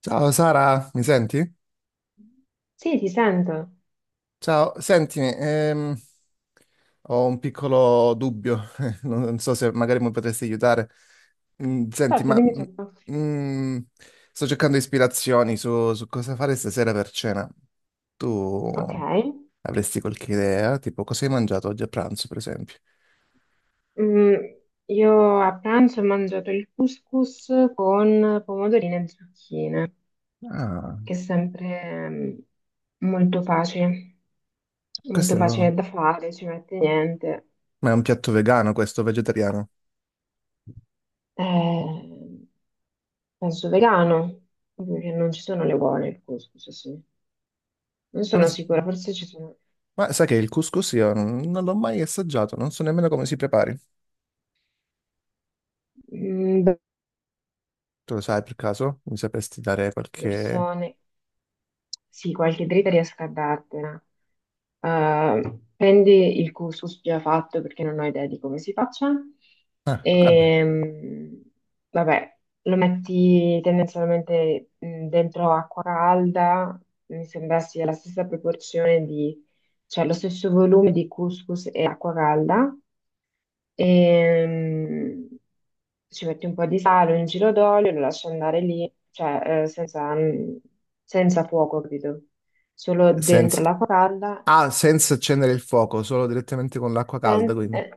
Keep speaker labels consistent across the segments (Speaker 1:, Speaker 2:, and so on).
Speaker 1: Ciao Sara, mi senti?
Speaker 2: Sì, ti sento.
Speaker 1: Ciao, sentimi, ho un piccolo dubbio, non so se magari mi potresti aiutare. Mm, senti,
Speaker 2: Certo,
Speaker 1: ma
Speaker 2: dimmi tutto.
Speaker 1: mm, sto cercando ispirazioni su cosa fare stasera per cena. Tu
Speaker 2: Ok.
Speaker 1: avresti qualche idea? Tipo, cosa hai mangiato oggi a pranzo, per esempio?
Speaker 2: Mm, io a pranzo ho mangiato il couscous con pomodorini e zucchine,
Speaker 1: Ah,
Speaker 2: che è sempre molto facile,
Speaker 1: questo
Speaker 2: molto
Speaker 1: è un,
Speaker 2: facile da fare, ci mette niente.
Speaker 1: ma è un piatto vegano, questo vegetariano.
Speaker 2: Eh, penso vegano, proprio che non ci sono le uova il couscous, sì. Non
Speaker 1: Come
Speaker 2: sono
Speaker 1: si-
Speaker 2: sicura, forse ci sono
Speaker 1: Ma sai che il couscous io non l'ho mai assaggiato, non so nemmeno come si prepari.
Speaker 2: mm,
Speaker 1: Tu lo sai per caso? Mi sapresti dare qualche...
Speaker 2: persone, sì, qualche dritta riesco a dartela. Prendi il couscous già fatto perché non ho idea di come si faccia
Speaker 1: Ah, ecco, vabbè.
Speaker 2: e vabbè, lo metti tendenzialmente dentro acqua calda, mi sembra sia la stessa proporzione di, cioè lo stesso volume di couscous e acqua calda e ci metti un po' di sale, un giro d'olio, lo lasci andare lì, cioè senza, senza fuoco, capito? Solo
Speaker 1: Senza...
Speaker 2: dentro l'acqua calda.
Speaker 1: Ah, senza accendere il fuoco, solo direttamente con l'acqua calda,
Speaker 2: Stand-
Speaker 1: quindi.
Speaker 2: eh,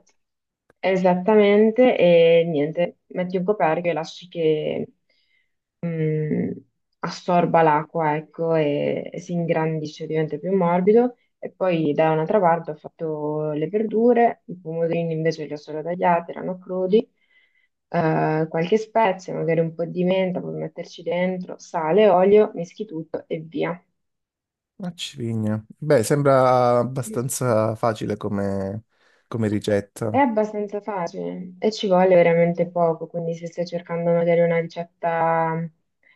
Speaker 2: Esattamente, e niente, metti un coperchio e lasci che mm, assorba l'acqua, ecco, e si ingrandisce, diventa più morbido. E poi da un'altra parte ho fatto le verdure, i pomodorini invece li ho solo tagliati, erano crudi, qualche spezia, magari un po' di menta, puoi metterci dentro, sale, olio, mischi tutto e via.
Speaker 1: Una civigna. Beh, sembra abbastanza facile come
Speaker 2: È
Speaker 1: ricetta.
Speaker 2: abbastanza facile e ci vuole veramente poco, quindi se stai cercando magari una ricetta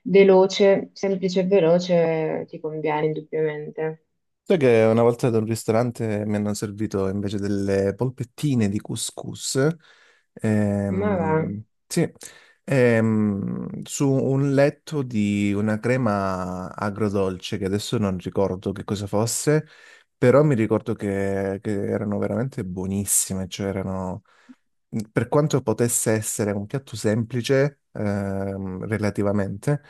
Speaker 2: veloce, semplice e veloce, ti conviene indubbiamente.
Speaker 1: Sai che una volta ad un ristorante mi hanno servito invece delle polpettine di couscous,
Speaker 2: Ma va.
Speaker 1: sì, su un letto di una crema agrodolce che adesso non ricordo che cosa fosse, però mi ricordo che erano veramente buonissime, cioè erano mhmm, per quanto potesse essere un piatto semplice, relativamente,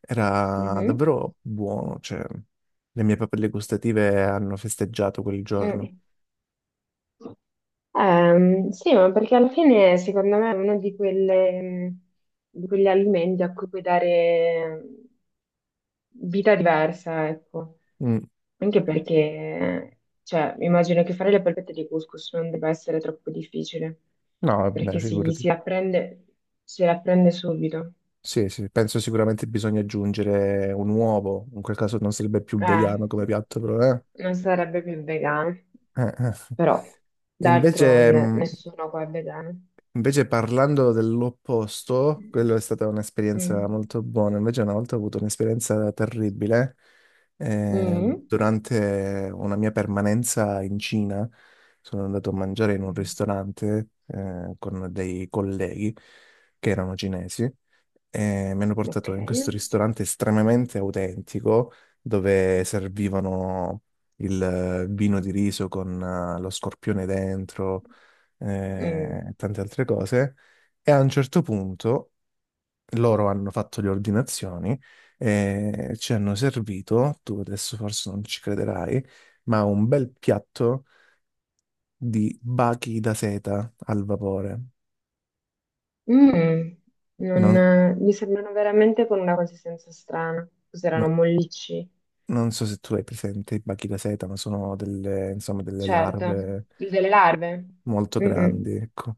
Speaker 1: era
Speaker 2: Mhm.
Speaker 1: davvero buono, cioè le mie papille gustative hanno festeggiato quel giorno.
Speaker 2: Mm. Sì, ma perché alla fine secondo me è uno di di quegli alimenti a cui puoi dare vita diversa, ecco.
Speaker 1: Mm.
Speaker 2: Anche perché, cioè, immagino che fare le polpette di couscous non debba essere troppo difficile,
Speaker 1: No,
Speaker 2: perché
Speaker 1: vabbè,
Speaker 2: si,
Speaker 1: figurati.
Speaker 2: si apprende, si apprende subito.
Speaker 1: Sì, sì, penso sicuramente bisogna aggiungere un uovo, in quel caso non sarebbe più vegano
Speaker 2: Eh,
Speaker 1: come piatto, però
Speaker 2: non sarebbe più vegano,
Speaker 1: Eh.
Speaker 2: però
Speaker 1: E invece,
Speaker 2: d'altronde nessuno qua è vegano.
Speaker 1: invece parlando dell'opposto,
Speaker 2: Mm.
Speaker 1: quello è stata
Speaker 2: Mm.
Speaker 1: un'esperienza molto buona. Invece una volta ho avuto un'esperienza terribile
Speaker 2: Mm.
Speaker 1: durante una mia permanenza in Cina. Sono andato a mangiare in un
Speaker 2: Mm.
Speaker 1: ristorante con dei colleghi che erano cinesi e mi hanno
Speaker 2: Ok.
Speaker 1: portato in questo ristorante estremamente autentico dove servivano il vino di riso con lo scorpione dentro,
Speaker 2: Mm.
Speaker 1: e tante altre cose. E a un certo punto loro hanno fatto le ordinazioni e ci hanno servito, tu adesso forse non ci crederai, ma un bel piatto di bachi da seta al vapore.
Speaker 2: Mm.
Speaker 1: Non-
Speaker 2: Non, mi sembrano veramente con una consistenza strana. Cos'erano
Speaker 1: no-
Speaker 2: mollicci?
Speaker 1: Non so se tu hai presente i bachi da seta, ma sono delle, insomma, delle
Speaker 2: Certo,
Speaker 1: larve
Speaker 2: il delle larve.
Speaker 1: molto
Speaker 2: Mm-mm.
Speaker 1: grandi, ecco.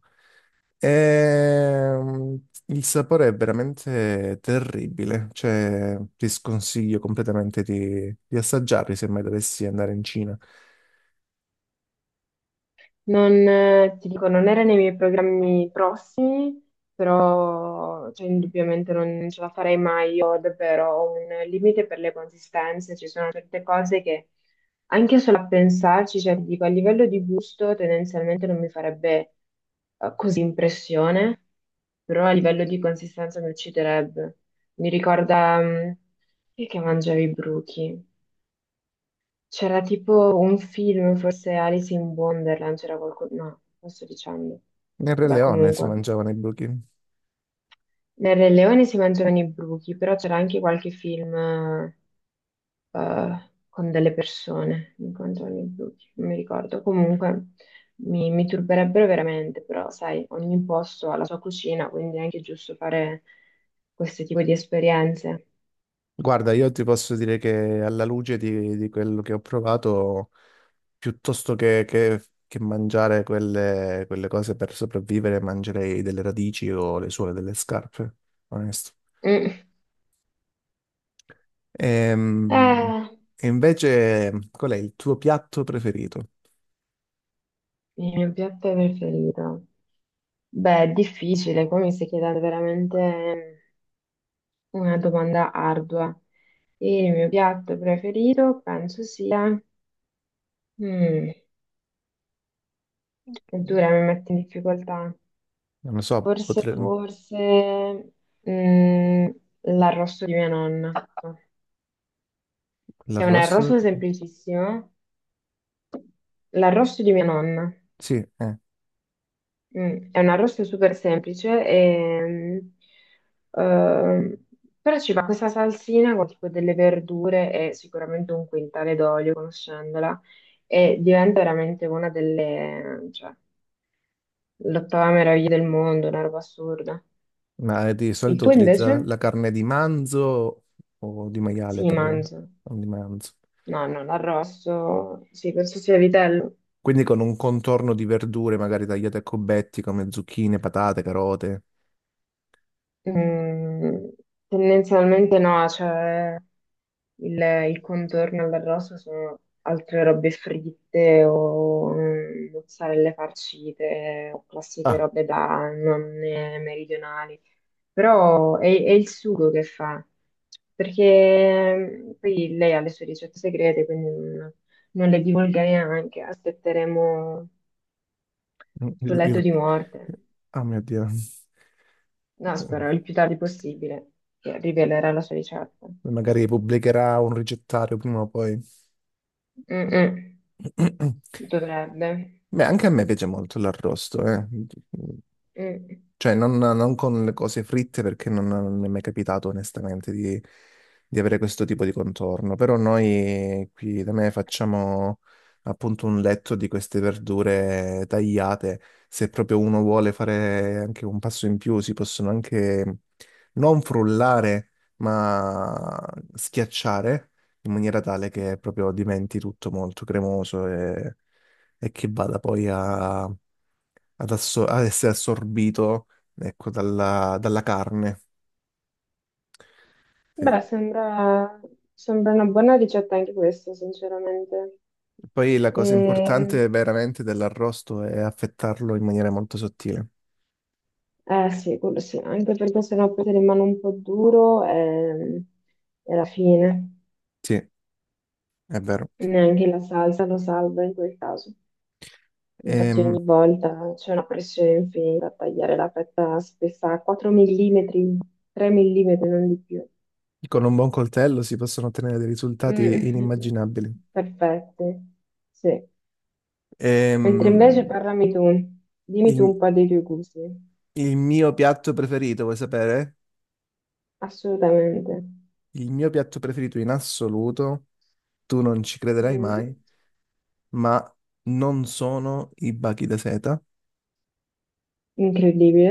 Speaker 1: Il sapore è veramente terribile, cioè ti sconsiglio completamente di assaggiarli se mai dovessi andare in Cina.
Speaker 2: Non, ti dico, non era nei miei programmi prossimi, però cioè, indubbiamente non ce la farei mai. Io davvero ho un limite per le consistenze, ci sono certe cose che anche solo a pensarci, cioè ti dico, a livello di gusto tendenzialmente non mi farebbe così impressione, però a livello di consistenza mi ucciderebbe. Mi ricorda, chi è che mangiavi i bruchi? C'era tipo un film, forse Alice in Wonderland, c'era qualcosa. No, non sto dicendo.
Speaker 1: Nel Re
Speaker 2: Vabbè,
Speaker 1: Leone si
Speaker 2: comunque.
Speaker 1: mangiavano i buchi.
Speaker 2: Nel Re Leone si mangiavano i bruchi, però c'era anche qualche film con delle persone che mangiavano i bruchi, non mi ricordo. Comunque, mi turberebbero veramente, però sai, ogni posto ha la sua cucina, quindi è anche giusto fare questo tipo di esperienze.
Speaker 1: Guarda, io ti posso dire che alla luce di quello che ho provato, piuttosto che mangiare quelle cose per sopravvivere, mangerei delle radici o le suole delle scarpe, onesto.
Speaker 2: Mm.
Speaker 1: Ehm,
Speaker 2: Eh,
Speaker 1: E, invece, qual è il tuo piatto preferito?
Speaker 2: il mio piatto preferito. Beh, è difficile, qua mi stai chiedendo veramente una domanda ardua. E il mio piatto preferito penso sia... Mm, è
Speaker 1: Ok.
Speaker 2: dura, mi mette in difficoltà.
Speaker 1: Non lo so,
Speaker 2: Forse, forse mm, l'arrosto di mia nonna. È un
Speaker 1: l'arrosto?
Speaker 2: arrosto semplicissimo, l'arrosto di mia nonna.
Speaker 1: Sì, eh.
Speaker 2: Mm. È un arrosto super semplice, e, ehm, però ci va questa salsina con tipo delle verdure e sicuramente un quintale d'olio, conoscendola, e diventa veramente una delle, cioè, l'ottava meraviglia del mondo, una roba assurda.
Speaker 1: Ma di
Speaker 2: Il
Speaker 1: solito
Speaker 2: tuo
Speaker 1: utilizza
Speaker 2: invece?
Speaker 1: la carne di manzo o di maiale
Speaker 2: Sì,
Speaker 1: per...
Speaker 2: mangio.
Speaker 1: o di manzo.
Speaker 2: No, no, l'arrosto, sì, penso sia vitello.
Speaker 1: Quindi con un contorno di verdure magari tagliate a cubetti come zucchine, patate, carote.
Speaker 2: Mm, tendenzialmente no, cioè... Il, il contorno all'arrosto sono altre robe fritte o mozzarelle farcite o classiche
Speaker 1: Ah,
Speaker 2: robe da nonne meridionali. Però è il sugo che fa, perché poi lei ha le sue ricette segrete, quindi non, non le divulgherei neanche. Aspetteremo sul
Speaker 1: il-
Speaker 2: letto
Speaker 1: il-
Speaker 2: di morte.
Speaker 1: ah, mio Dio.
Speaker 2: No, spero il più tardi possibile che rivelerà la sua ricetta.
Speaker 1: Magari pubblicherà un ricettario prima o poi.
Speaker 2: Mm-mm, dovrebbe.
Speaker 1: Beh, anche a me piace molto l'arrosto, eh.
Speaker 2: Mm.
Speaker 1: Cioè, non con le cose fritte perché non mi è mai capitato onestamente di avere questo tipo di contorno. Però noi qui da me facciamo appunto un letto di queste verdure tagliate. Se proprio uno vuole fare anche un passo in più, si possono anche non frullare, ma schiacciare in maniera tale che proprio diventi tutto molto cremoso e che vada poi a ad essere assorbito, ecco, dalla carne. Sì.
Speaker 2: Beh, sembra una buona ricetta anche questa, sinceramente.
Speaker 1: Poi la cosa importante
Speaker 2: Ehm,
Speaker 1: veramente dell'arrosto è affettarlo in maniera molto sottile.
Speaker 2: eh sì, quello sì, anche perché sennò poi ti rimane un po' duro e alla fine
Speaker 1: Sì, è vero.
Speaker 2: neanche la salsa lo salva in quel caso. Infatti
Speaker 1: Ehm,
Speaker 2: ogni volta c'è una pressione infinita a tagliare la fetta spessa a 4 mm, 3 mm, non di più.
Speaker 1: con un buon coltello si possono ottenere dei risultati
Speaker 2: Mm,
Speaker 1: inimmaginabili.
Speaker 2: perfette, sì. Mentre
Speaker 1: Ehm,
Speaker 2: invece parlami tu, dimmi tu
Speaker 1: il,
Speaker 2: un po' dei tuoi gusti.
Speaker 1: il mio piatto preferito, vuoi sapere?
Speaker 2: Assolutamente.
Speaker 1: Il mio piatto preferito in assoluto, tu non ci crederai mai,
Speaker 2: Mm.
Speaker 1: ma non sono i bachi da seta.
Speaker 2: Incredibile.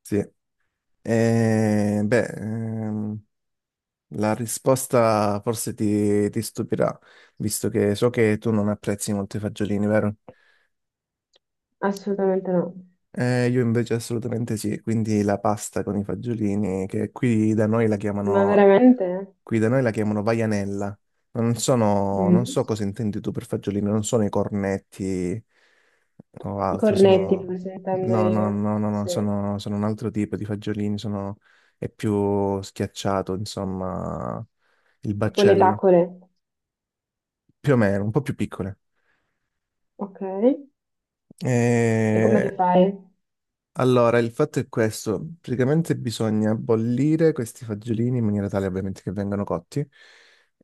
Speaker 1: Sì. Beh, la risposta forse ti stupirà, visto che so che tu non apprezzi molto i fagiolini, vero?
Speaker 2: Assolutamente no.
Speaker 1: Io invece assolutamente sì, quindi la pasta con i fagiolini, che
Speaker 2: Ma veramente?
Speaker 1: qui da noi la chiamano vaianella. Non
Speaker 2: Mm.
Speaker 1: so cosa intendi tu per fagiolini, non sono i cornetti o
Speaker 2: I
Speaker 1: altro,
Speaker 2: cornetti,
Speaker 1: sono...
Speaker 2: forse intendo
Speaker 1: No, no,
Speaker 2: io.
Speaker 1: no, no, no,
Speaker 2: Sì.
Speaker 1: sono un altro tipo di fagiolini, sono... è più schiacciato, insomma, il
Speaker 2: Tipo le
Speaker 1: baccello,
Speaker 2: tacole.
Speaker 1: più o meno, un po' più piccole.
Speaker 2: Ok. E
Speaker 1: E
Speaker 2: come le fai?
Speaker 1: allora, il fatto è questo, praticamente bisogna bollire questi fagiolini in maniera tale ovviamente che vengano cotti,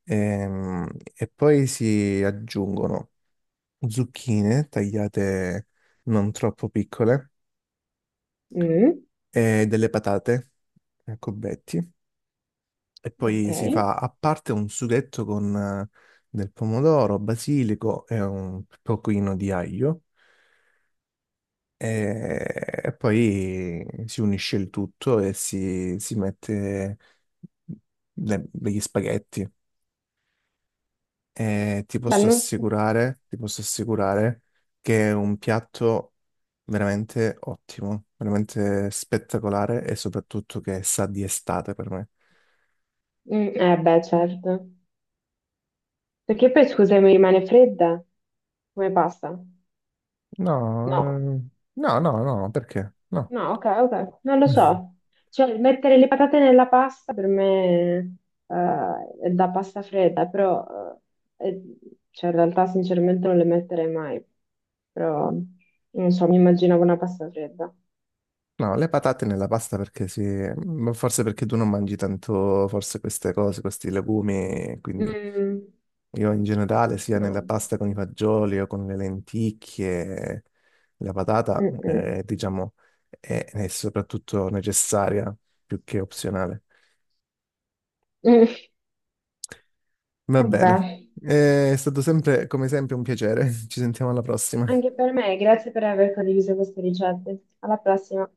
Speaker 1: ehm, e poi si aggiungono zucchine tagliate non troppo piccole
Speaker 2: Mm.
Speaker 1: e delle patate a cubetti e
Speaker 2: Ok.
Speaker 1: poi si
Speaker 2: Beh,
Speaker 1: fa a parte un sughetto con del pomodoro, basilico e un pochino di aglio. E poi si unisce il tutto e si mette degli spaghetti. E
Speaker 2: non so.
Speaker 1: ti posso assicurare che è un piatto veramente ottimo, veramente spettacolare e soprattutto che sa di estate per me.
Speaker 2: Mm, eh beh, certo. Perché poi, scusa, mi rimane fredda? Come pasta?
Speaker 1: No,
Speaker 2: No.
Speaker 1: eh, no, no, no, perché? No.
Speaker 2: No, ok, ok, non lo so. Cioè, mettere le patate nella pasta per me è da pasta fredda, però eh, è- cioè, in realtà sinceramente non le metterei mai, però non so, mi immaginavo una pasta fredda.
Speaker 1: No, le patate nella pasta perché sì, ma forse perché tu non mangi tanto, forse queste cose, questi legumi, quindi...
Speaker 2: Mm,
Speaker 1: Io in generale, sia nella
Speaker 2: no.
Speaker 1: pasta con i fagioli o con le lenticchie, la patata,
Speaker 2: Mm-mm.
Speaker 1: diciamo, è soprattutto necessaria più che opzionale.
Speaker 2: Mm.
Speaker 1: Va
Speaker 2: Vabbè,
Speaker 1: bene. È stato sempre, come sempre, un piacere. Ci sentiamo alla prossima.
Speaker 2: anche per me, grazie per aver condiviso queste ricette. Alla prossima.